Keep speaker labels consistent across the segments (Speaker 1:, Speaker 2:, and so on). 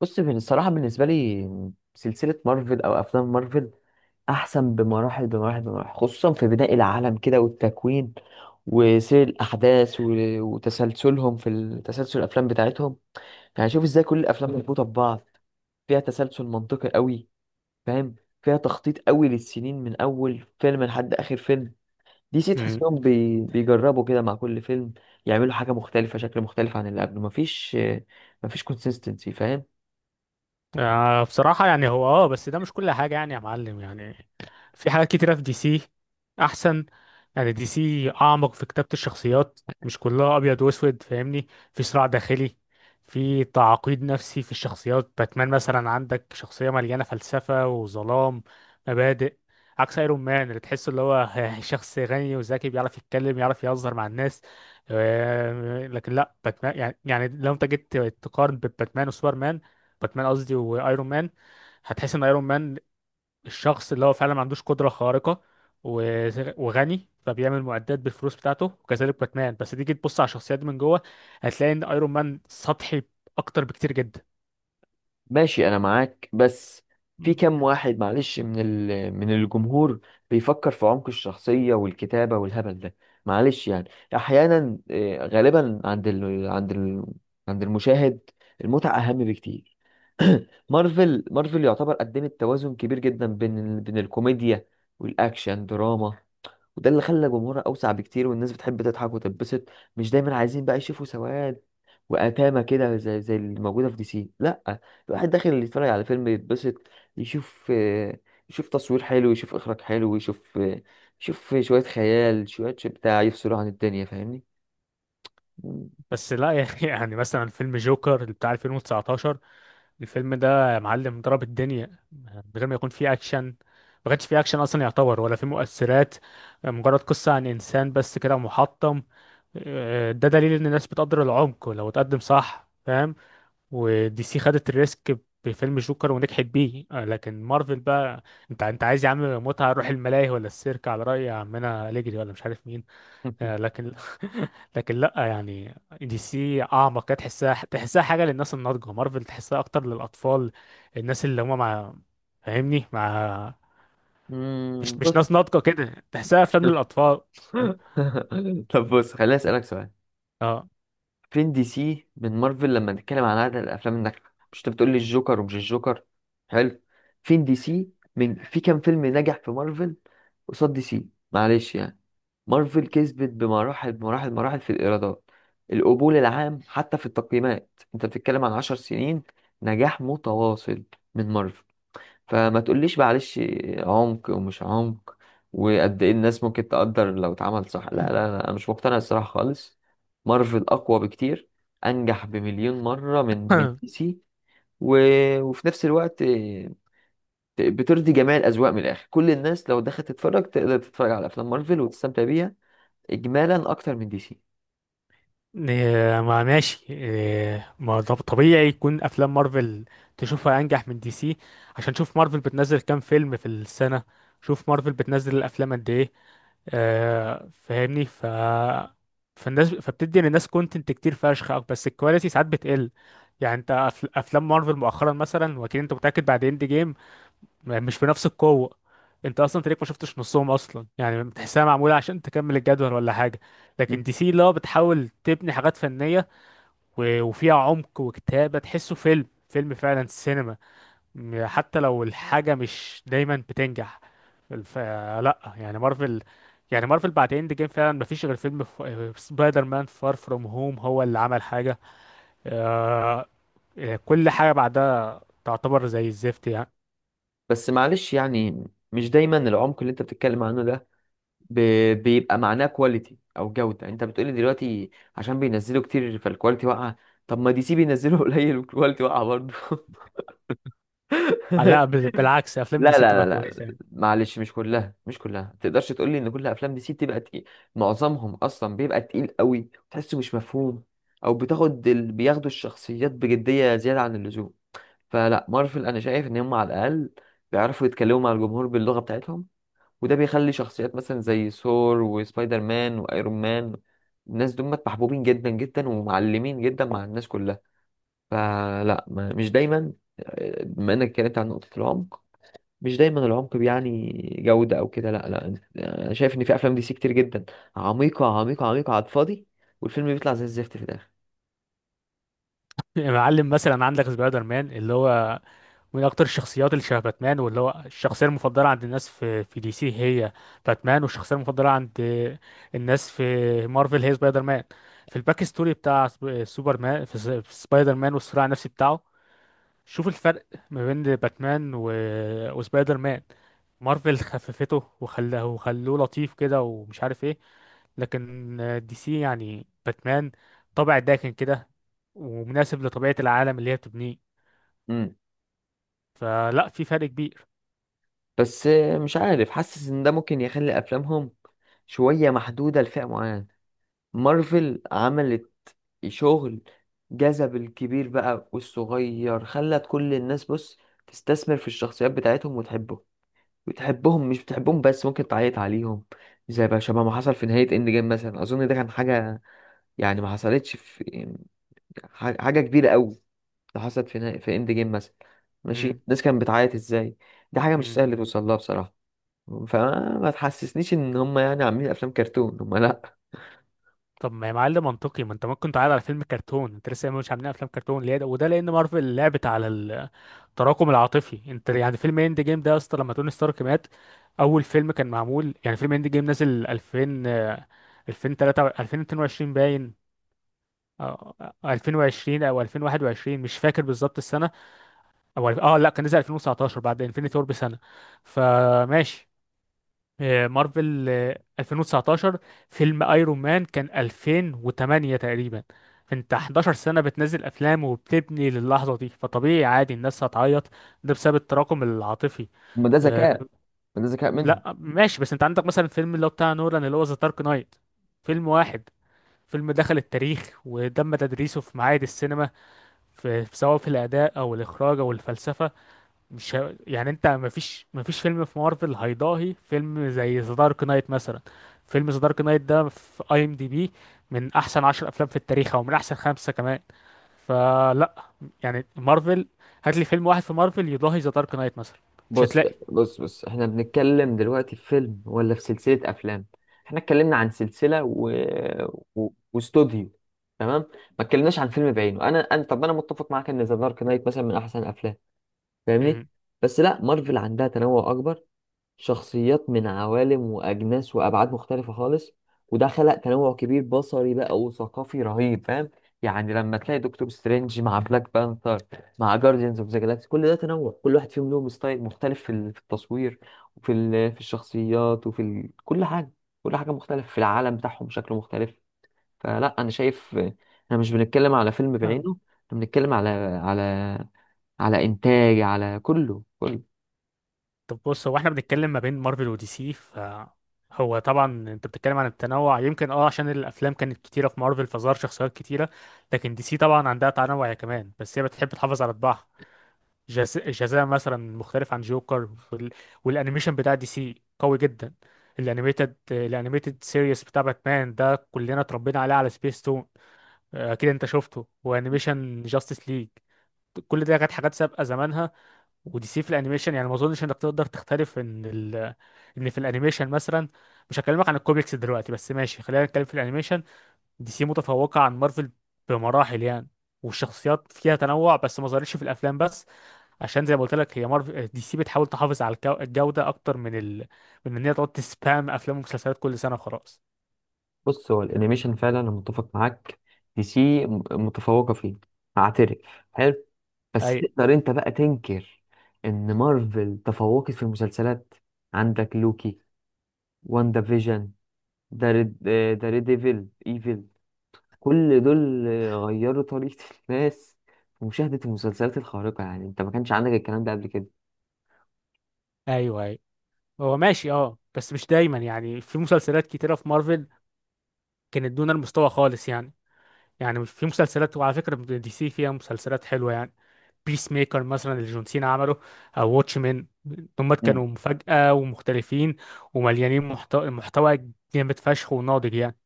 Speaker 1: بص من الصراحة بالنسبة لي سلسلة مارفل أو أفلام مارفل أحسن بمراحل بمراحل بمراحل، خصوصا في بناء العالم كده والتكوين وسير الأحداث وتسلسلهم في تسلسل الأفلام بتاعتهم. يعني شوف إزاي كل الأفلام مربوطة ببعض، فيها تسلسل منطقي قوي، فاهم؟ فيها تخطيط قوي للسنين من أول فيلم لحد آخر فيلم. دي سي
Speaker 2: امم
Speaker 1: تحسهم بيجربوا كده مع كل فيلم، يعملوا حاجة مختلفة، شكل مختلف عن اللي قبله. مفيش، مفيش كونسيستنسي، فاهم؟
Speaker 2: بصراحة يعني هو اه بس ده مش كل حاجة يا معلم. في حاجات كتيرة في دي سي أحسن. يعني دي سي أعمق في كتابة الشخصيات، مش كلها أبيض وأسود، فاهمني، في صراع داخلي، في تعقيد نفسي في الشخصيات. باتمان مثلا عندك شخصية مليانة فلسفة وظلام، مبادئ، عكس ايرون مان اللي تحس اللي هو شخص غني وذكي بيعرف يتكلم يعرف يهزر مع الناس. لكن لا باتمان يعني لو انت جيت تقارن بين باتمان وسوبرمان، باتمان قصدي وايرون مان، هتحس ان ايرون مان الشخص اللي هو فعلا ما عندوش قدره خارقه و- وغني فبيعمل معدات بالفلوس بتاعته، وكذلك باتمان. بس تيجي تبص على الشخصيات دي من جوه هتلاقي ان ايرون مان سطحي اكتر بكتير جدا.
Speaker 1: ماشي، انا معاك، بس في كام واحد، معلش، من من الجمهور بيفكر في عمق الشخصية والكتابة والهبل ده؟ معلش يعني. احيانا آه، غالبا عند عند المشاهد المتعة اهم بكتير. مارفل، مارفل يعتبر قدمت توازن كبير جدا بين بين الكوميديا والاكشن دراما، وده اللي خلى جمهورها أوسع بكتير. والناس بتحب تضحك وتتبسط، مش دايما عايزين بقى يشوفوا سواد وأتامة كده زي اللي موجودة في دي سي، لأ. الواحد داخل اللي يتفرج على فيلم يتبسط، يشوف، آه، يشوف تصوير حلو، يشوف إخراج حلو، يشوف، آه، يشوف شوية خيال شوية شو بتاع يفصلوا عن الدنيا، فاهمني؟ مم.
Speaker 2: بس لا، يا اخي، يعني مثلا فيلم جوكر اللي بتاع 2019، الفيلم ده يا معلم ضرب الدنيا من غير ما يكون فيه اكشن. ما كانش فيه اكشن اصلا يعتبر، ولا فيه مؤثرات، مجرد قصة عن انسان بس كده محطم. ده دليل ان الناس بتقدر العمق لو اتقدم صح، فاهم. ودي سي خدت الريسك بفيلم جوكر ونجحت بيه. لكن مارفل بقى، انت عايز يا عم متعة روح الملاهي ولا السيرك على رأي عمنا أليجري ولا مش عارف مين. آه، لكن لكن لا. دي سي اعمق كده، تحسها حاجه للناس الناضجه، مارفل تحسها اكتر للاطفال، الناس اللي هم مع، فاهمني،
Speaker 1: مم،
Speaker 2: مش
Speaker 1: بص.
Speaker 2: ناس ناضجه كده، تحسها افلام للاطفال.
Speaker 1: طب بص، خليني أسألك سؤال.
Speaker 2: اه.
Speaker 1: فين دي سي من مارفل لما نتكلم عن عدد الافلام الناجحه؟ مش انت بتقول لي الجوكر ومش الجوكر؟ حلو. فين دي سي من، في كام فيلم نجح في مارفل قصاد دي سي؟ معلش يعني. مارفل كسبت بمراحل مراحل مراحل في الايرادات، القبول العام، حتى في التقييمات. انت بتتكلم عن 10 سنين نجاح متواصل من مارفل. فما تقوليش معلش عمق ومش عمق وقد ايه الناس ممكن تقدر لو اتعمل صح. لا لا لا، انا مش مقتنع الصراحه خالص. مارفل اقوى بكتير، انجح بمليون مره من دي سي. و... وفي نفس الوقت بترضي جميع الاذواق من الاخر. كل الناس لو دخلت تتفرج تقدر تتفرج على افلام مارفل وتستمتع بيها اجمالا اكتر من دي سي.
Speaker 2: إيه، ما ماشي، إيه، ما طبيعي يكون افلام مارفل تشوفها انجح من دي سي. عشان شوف مارفل بتنزل كام فيلم في السنه، شوف مارفل بتنزل الافلام قد ايه. فاهمني. ف فالناس فبتدي للناس كونتنت كتير فشخ، بس الكواليتي ساعات بتقل. يعني افلام مارفل مؤخرا مثلا، واكيد انت متاكد بعد اند جيم، مش بنفس القوه. انت اصلا تلاقيك ما شفتش نصهم اصلا، يعني بتحسها معموله عشان تكمل الجدول ولا حاجه.
Speaker 1: م.
Speaker 2: لكن دي سي لا، بتحاول تبني حاجات فنيه، وفيها عمق وكتابه، تحسه فيلم فيلم فعلا سينما، حتى لو الحاجة مش دايما بتنجح. الف... لا يعني مارفل، يعني مارفل بعد اند جيم فعلا مفيش غير سبايدر مان فار فروم هوم هو اللي عمل حاجة. آه... كل حاجة بعدها تعتبر زي الزفت يعني.
Speaker 1: بس معلش يعني، مش دايما العمق اللي انت بتتكلم عنه ده ب... بيبقى معناه كواليتي او جوده. يعني انت بتقولي دلوقتي عشان بينزلوا كتير فالكواليتي واقعه، طب ما دي سي بينزلوا قليل والكواليتي واقعه برضه.
Speaker 2: لا بالعكس، افلام
Speaker 1: لا
Speaker 2: دي سي بتبقى
Speaker 1: لا،
Speaker 2: كويسة يعني.
Speaker 1: معلش، مش كلها، مش كلها. ما تقدرش تقولي ان كل افلام دي سي بتبقى تقيل، معظمهم اصلا بيبقى تقيل قوي تحسه مش مفهوم، او بتاخد بياخدوا الشخصيات بجديه زياده عن اللزوم. فلا، مارفل انا شايف ان هم على الاقل بيعرفوا يتكلموا مع الجمهور باللغه بتاعتهم، وده بيخلي شخصيات مثلا زي ثور وسبايدر مان وايرون مان، الناس دول محبوبين جدا جدا ومعلمين جدا مع الناس كلها. فلا، ما مش دايما. آه، بما انك اتكلمت عن نقطة العمق، مش دايما العمق بيعني جودة او كده، لا لا. انا شايف ان في افلام دي سي كتير جدا عميقة عميقة عميقة على الفاضي، والفيلم بيطلع زي الزفت في الاخر.
Speaker 2: يا معلم، مثلا عندك سبايدر مان اللي هو من اكتر الشخصيات اللي شبه باتمان، واللي هو الشخصيه المفضله عند الناس في دي سي هي باتمان، والشخصيه المفضله عند الناس في مارفل هي سبايدر مان. في الباك ستوري بتاع سوبرمان، في سبايدر مان والصراع النفسي بتاعه، شوف الفرق ما بين باتمان وسبايدر مان. مارفل خففته وخلاه وخلوه لطيف كده ومش عارف ايه، لكن دي سي يعني باتمان طابع داكن كده، ومناسب لطبيعه العالم اللي هي بتبنيه.
Speaker 1: امم،
Speaker 2: فلا، في فرق كبير.
Speaker 1: بس آه، مش عارف، حاسس ان ده ممكن يخلي افلامهم شوية محدودة لفئة معينة. مارفل عملت شغل جذب الكبير بقى والصغير، خلت كل الناس بص تستثمر في الشخصيات بتاعتهم وتحبهم. وتحبهم مش بتحبهم بس، ممكن تعيط عليهم، زي بقى شبه ما حصل في نهاية اند جيم مثلا. اظن ده كان حاجة يعني ما حصلتش في حاجة كبيرة قوي ده حصلت في نهاية في اند جيم مثلا. ماشي، الناس كانت بتعيط ازاي؟ دي حاجة مش
Speaker 2: مم.
Speaker 1: سهل توصل لها بصراحة. فما تحسسنيش ان هم يعني عاملين افلام كرتون، هم لا.
Speaker 2: طب ما يا معلم منطقي، ما انت ممكن تعرض على فيلم كرتون، انت لسه مش عاملين افلام كرتون ليه ده؟ وده لان مارفل لعبت على التراكم العاطفي. انت يعني فيلم اند جيم ده يا اسطى لما توني ستارك مات، اول فيلم كان معمول، يعني فيلم اند جيم نازل 2000، 2003 2022 باين، 2020 او 2021، مش فاكر بالظبط السنه، او لا كان نزل 2019 بعد انفينيتي وور بسنه. فماشي. مارفل 2019، فيلم ايرون مان كان 2008 تقريبا. انت 11 سنة بتنزل افلام وبتبني للحظة دي، فطبيعي عادي الناس هتعيط، ده بسبب التراكم العاطفي.
Speaker 1: هم ده
Speaker 2: آه،
Speaker 1: ذكاء، ما ده ذكاء منهم.
Speaker 2: لا ماشي. بس انت عندك مثلا فيلم اللي هو بتاع نولان اللي هو ذا دارك نايت، فيلم واحد، فيلم دخل التاريخ وتم تدريسه في معاهد السينما، في سواء في الأداء أو الإخراج أو الفلسفة. مش ه... يعني انت مفيش فيلم في مارفل هيضاهي فيلم زي ذا دارك نايت مثلا. فيلم ذا دارك نايت ده في اي ام دي بي من احسن عشر افلام في التاريخ، او من احسن خمسة كمان. فلا، يعني مارفل، هات لي فيلم واحد في مارفل يضاهي ذا دارك نايت مثلا، مش
Speaker 1: بص،
Speaker 2: هتلاقي.
Speaker 1: احنا بنتكلم دلوقتي في فيلم ولا في سلسلة افلام؟ احنا اتكلمنا عن سلسلة و... و... واستوديو، تمام؟ ما اتكلمناش عن فيلم بعينه. انا طب انا متفق معاك ان ذا دارك نايت مثلا من احسن الافلام، فاهمني؟
Speaker 2: امم.
Speaker 1: بس لا، مارفل عندها تنوع اكبر، شخصيات من عوالم وأجناس وأبعاد مختلفة خالص، وده خلق تنوع كبير بصري بقى وثقافي رهيب، فاهم؟ يعني لما تلاقي دكتور سترينج مع بلاك بانثر مع جارديانز اوف ذا جالاكسي، كل ده تنوع. كل واحد فيهم له ستايل مختلف في في التصوير وفي في الشخصيات وفي كل حاجة. كل حاجة مختلفة في العالم بتاعهم، شكله مختلف. فلا، أنا شايف آه، احنا مش بنتكلم على فيلم
Speaker 2: نعم.
Speaker 1: بعينه، احنا بنتكلم على، على، على إنتاج، على كله كله.
Speaker 2: طب بص، هو احنا بنتكلم ما بين مارفل ودي سي، ف هو طبعا انت بتتكلم عن التنوع، يمكن اه عشان الافلام كانت كتيره في مارفل فظهر شخصيات كتيره، لكن دي سي طبعا عندها تنوع يا كمان، بس هي بتحب تحافظ على طباعها. جزاء مثلا مختلف عن جوكر، والانيميشن بتاع دي سي قوي جدا. الانيميتد سيريس بتاع باتمان ده كلنا اتربينا عليه على سبيس تون، اكيد انت شفته، وانيميشن جاستس ليج، كل ده كانت حاجات سابقه زمانها. ودي سي في الانيميشن يعني ما اظنش انك تقدر تختلف ان ان في الانيميشن مثلا، مش هكلمك عن الكوميكس دلوقتي، بس ماشي خلينا نتكلم في الانيميشن، دي سي متفوقه عن مارفل بمراحل يعني. والشخصيات فيها تنوع بس ما ظهرتش في الافلام بس، عشان زي ما قلت لك، هي دي سي بتحاول تحافظ على الجودة اكتر من من ان هي تقعد تسبام افلام ومسلسلات كل سنة وخلاص.
Speaker 1: بص، هو الانيميشن فعلا انا متفق معاك، دي سي متفوقه فيه، هعترف، حلو. بس
Speaker 2: اي.
Speaker 1: تقدر انت بقى تنكر ان مارفل تفوقت في المسلسلات؟ عندك لوكي، واندا فيجن، داري ديفل، ايفل، كل دول غيروا طريقه الناس في مشاهده المسلسلات الخارقه. يعني انت ما كانش عندك الكلام ده قبل كده.
Speaker 2: ايوه ايوه. هو ماشي اه، بس مش دايما يعني. في مسلسلات كتيرة في مارفل كانت دون المستوى خالص يعني. يعني في مسلسلات، وعلى فكرة دي سي فيها مسلسلات حلوة يعني، بيس ميكر مثلا اللي جون سينا عمله، او واتش مان، دول
Speaker 1: مم.
Speaker 2: كانوا مفاجأة ومختلفين ومليانين محتوى جامد فشخ وناضج يعني.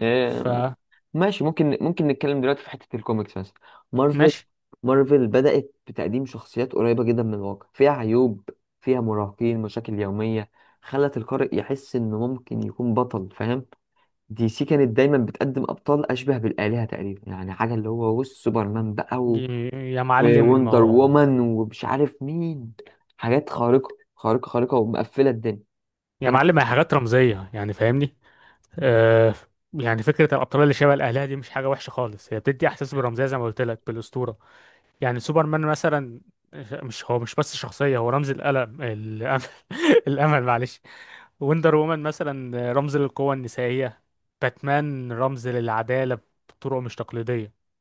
Speaker 1: مم.
Speaker 2: فماشي.
Speaker 1: ماشي، ممكن نتكلم دلوقتي في حتة الكوميكس مثلا. مارفل، مارفل بدأت بتقديم شخصيات قريبة جدا من الواقع، فيها عيوب، فيها مراهقين، مشاكل يومية، خلت القارئ يحس إنه ممكن يكون بطل، فاهم؟ دي سي كانت دايما بتقدم أبطال أشبه بالآلهة تقريبا. يعني حاجة اللي هو بص سوبرمان بقى و...
Speaker 2: يا معلم
Speaker 1: ووندر
Speaker 2: اهو،
Speaker 1: وومن ومش عارف مين، حاجات خارقة، خارقة خارقة ومقفلة الدنيا.
Speaker 2: يا معلم هي
Speaker 1: فأنا
Speaker 2: حاجات رمزية يعني فاهمني. آه، يعني فكرة الأبطال اللي شبه الأهلية دي مش حاجة وحشة خالص، هي بتدي إحساس بالرمزية زي ما قلت لك بالأسطورة. يعني سوبرمان مثلا، مش هو مش بس شخصية، هو رمز الأمل، الأمل معلش. وندر وومن مثلا رمز للقوة النسائية، باتمان رمز للعدالة بطرق مش تقليدية.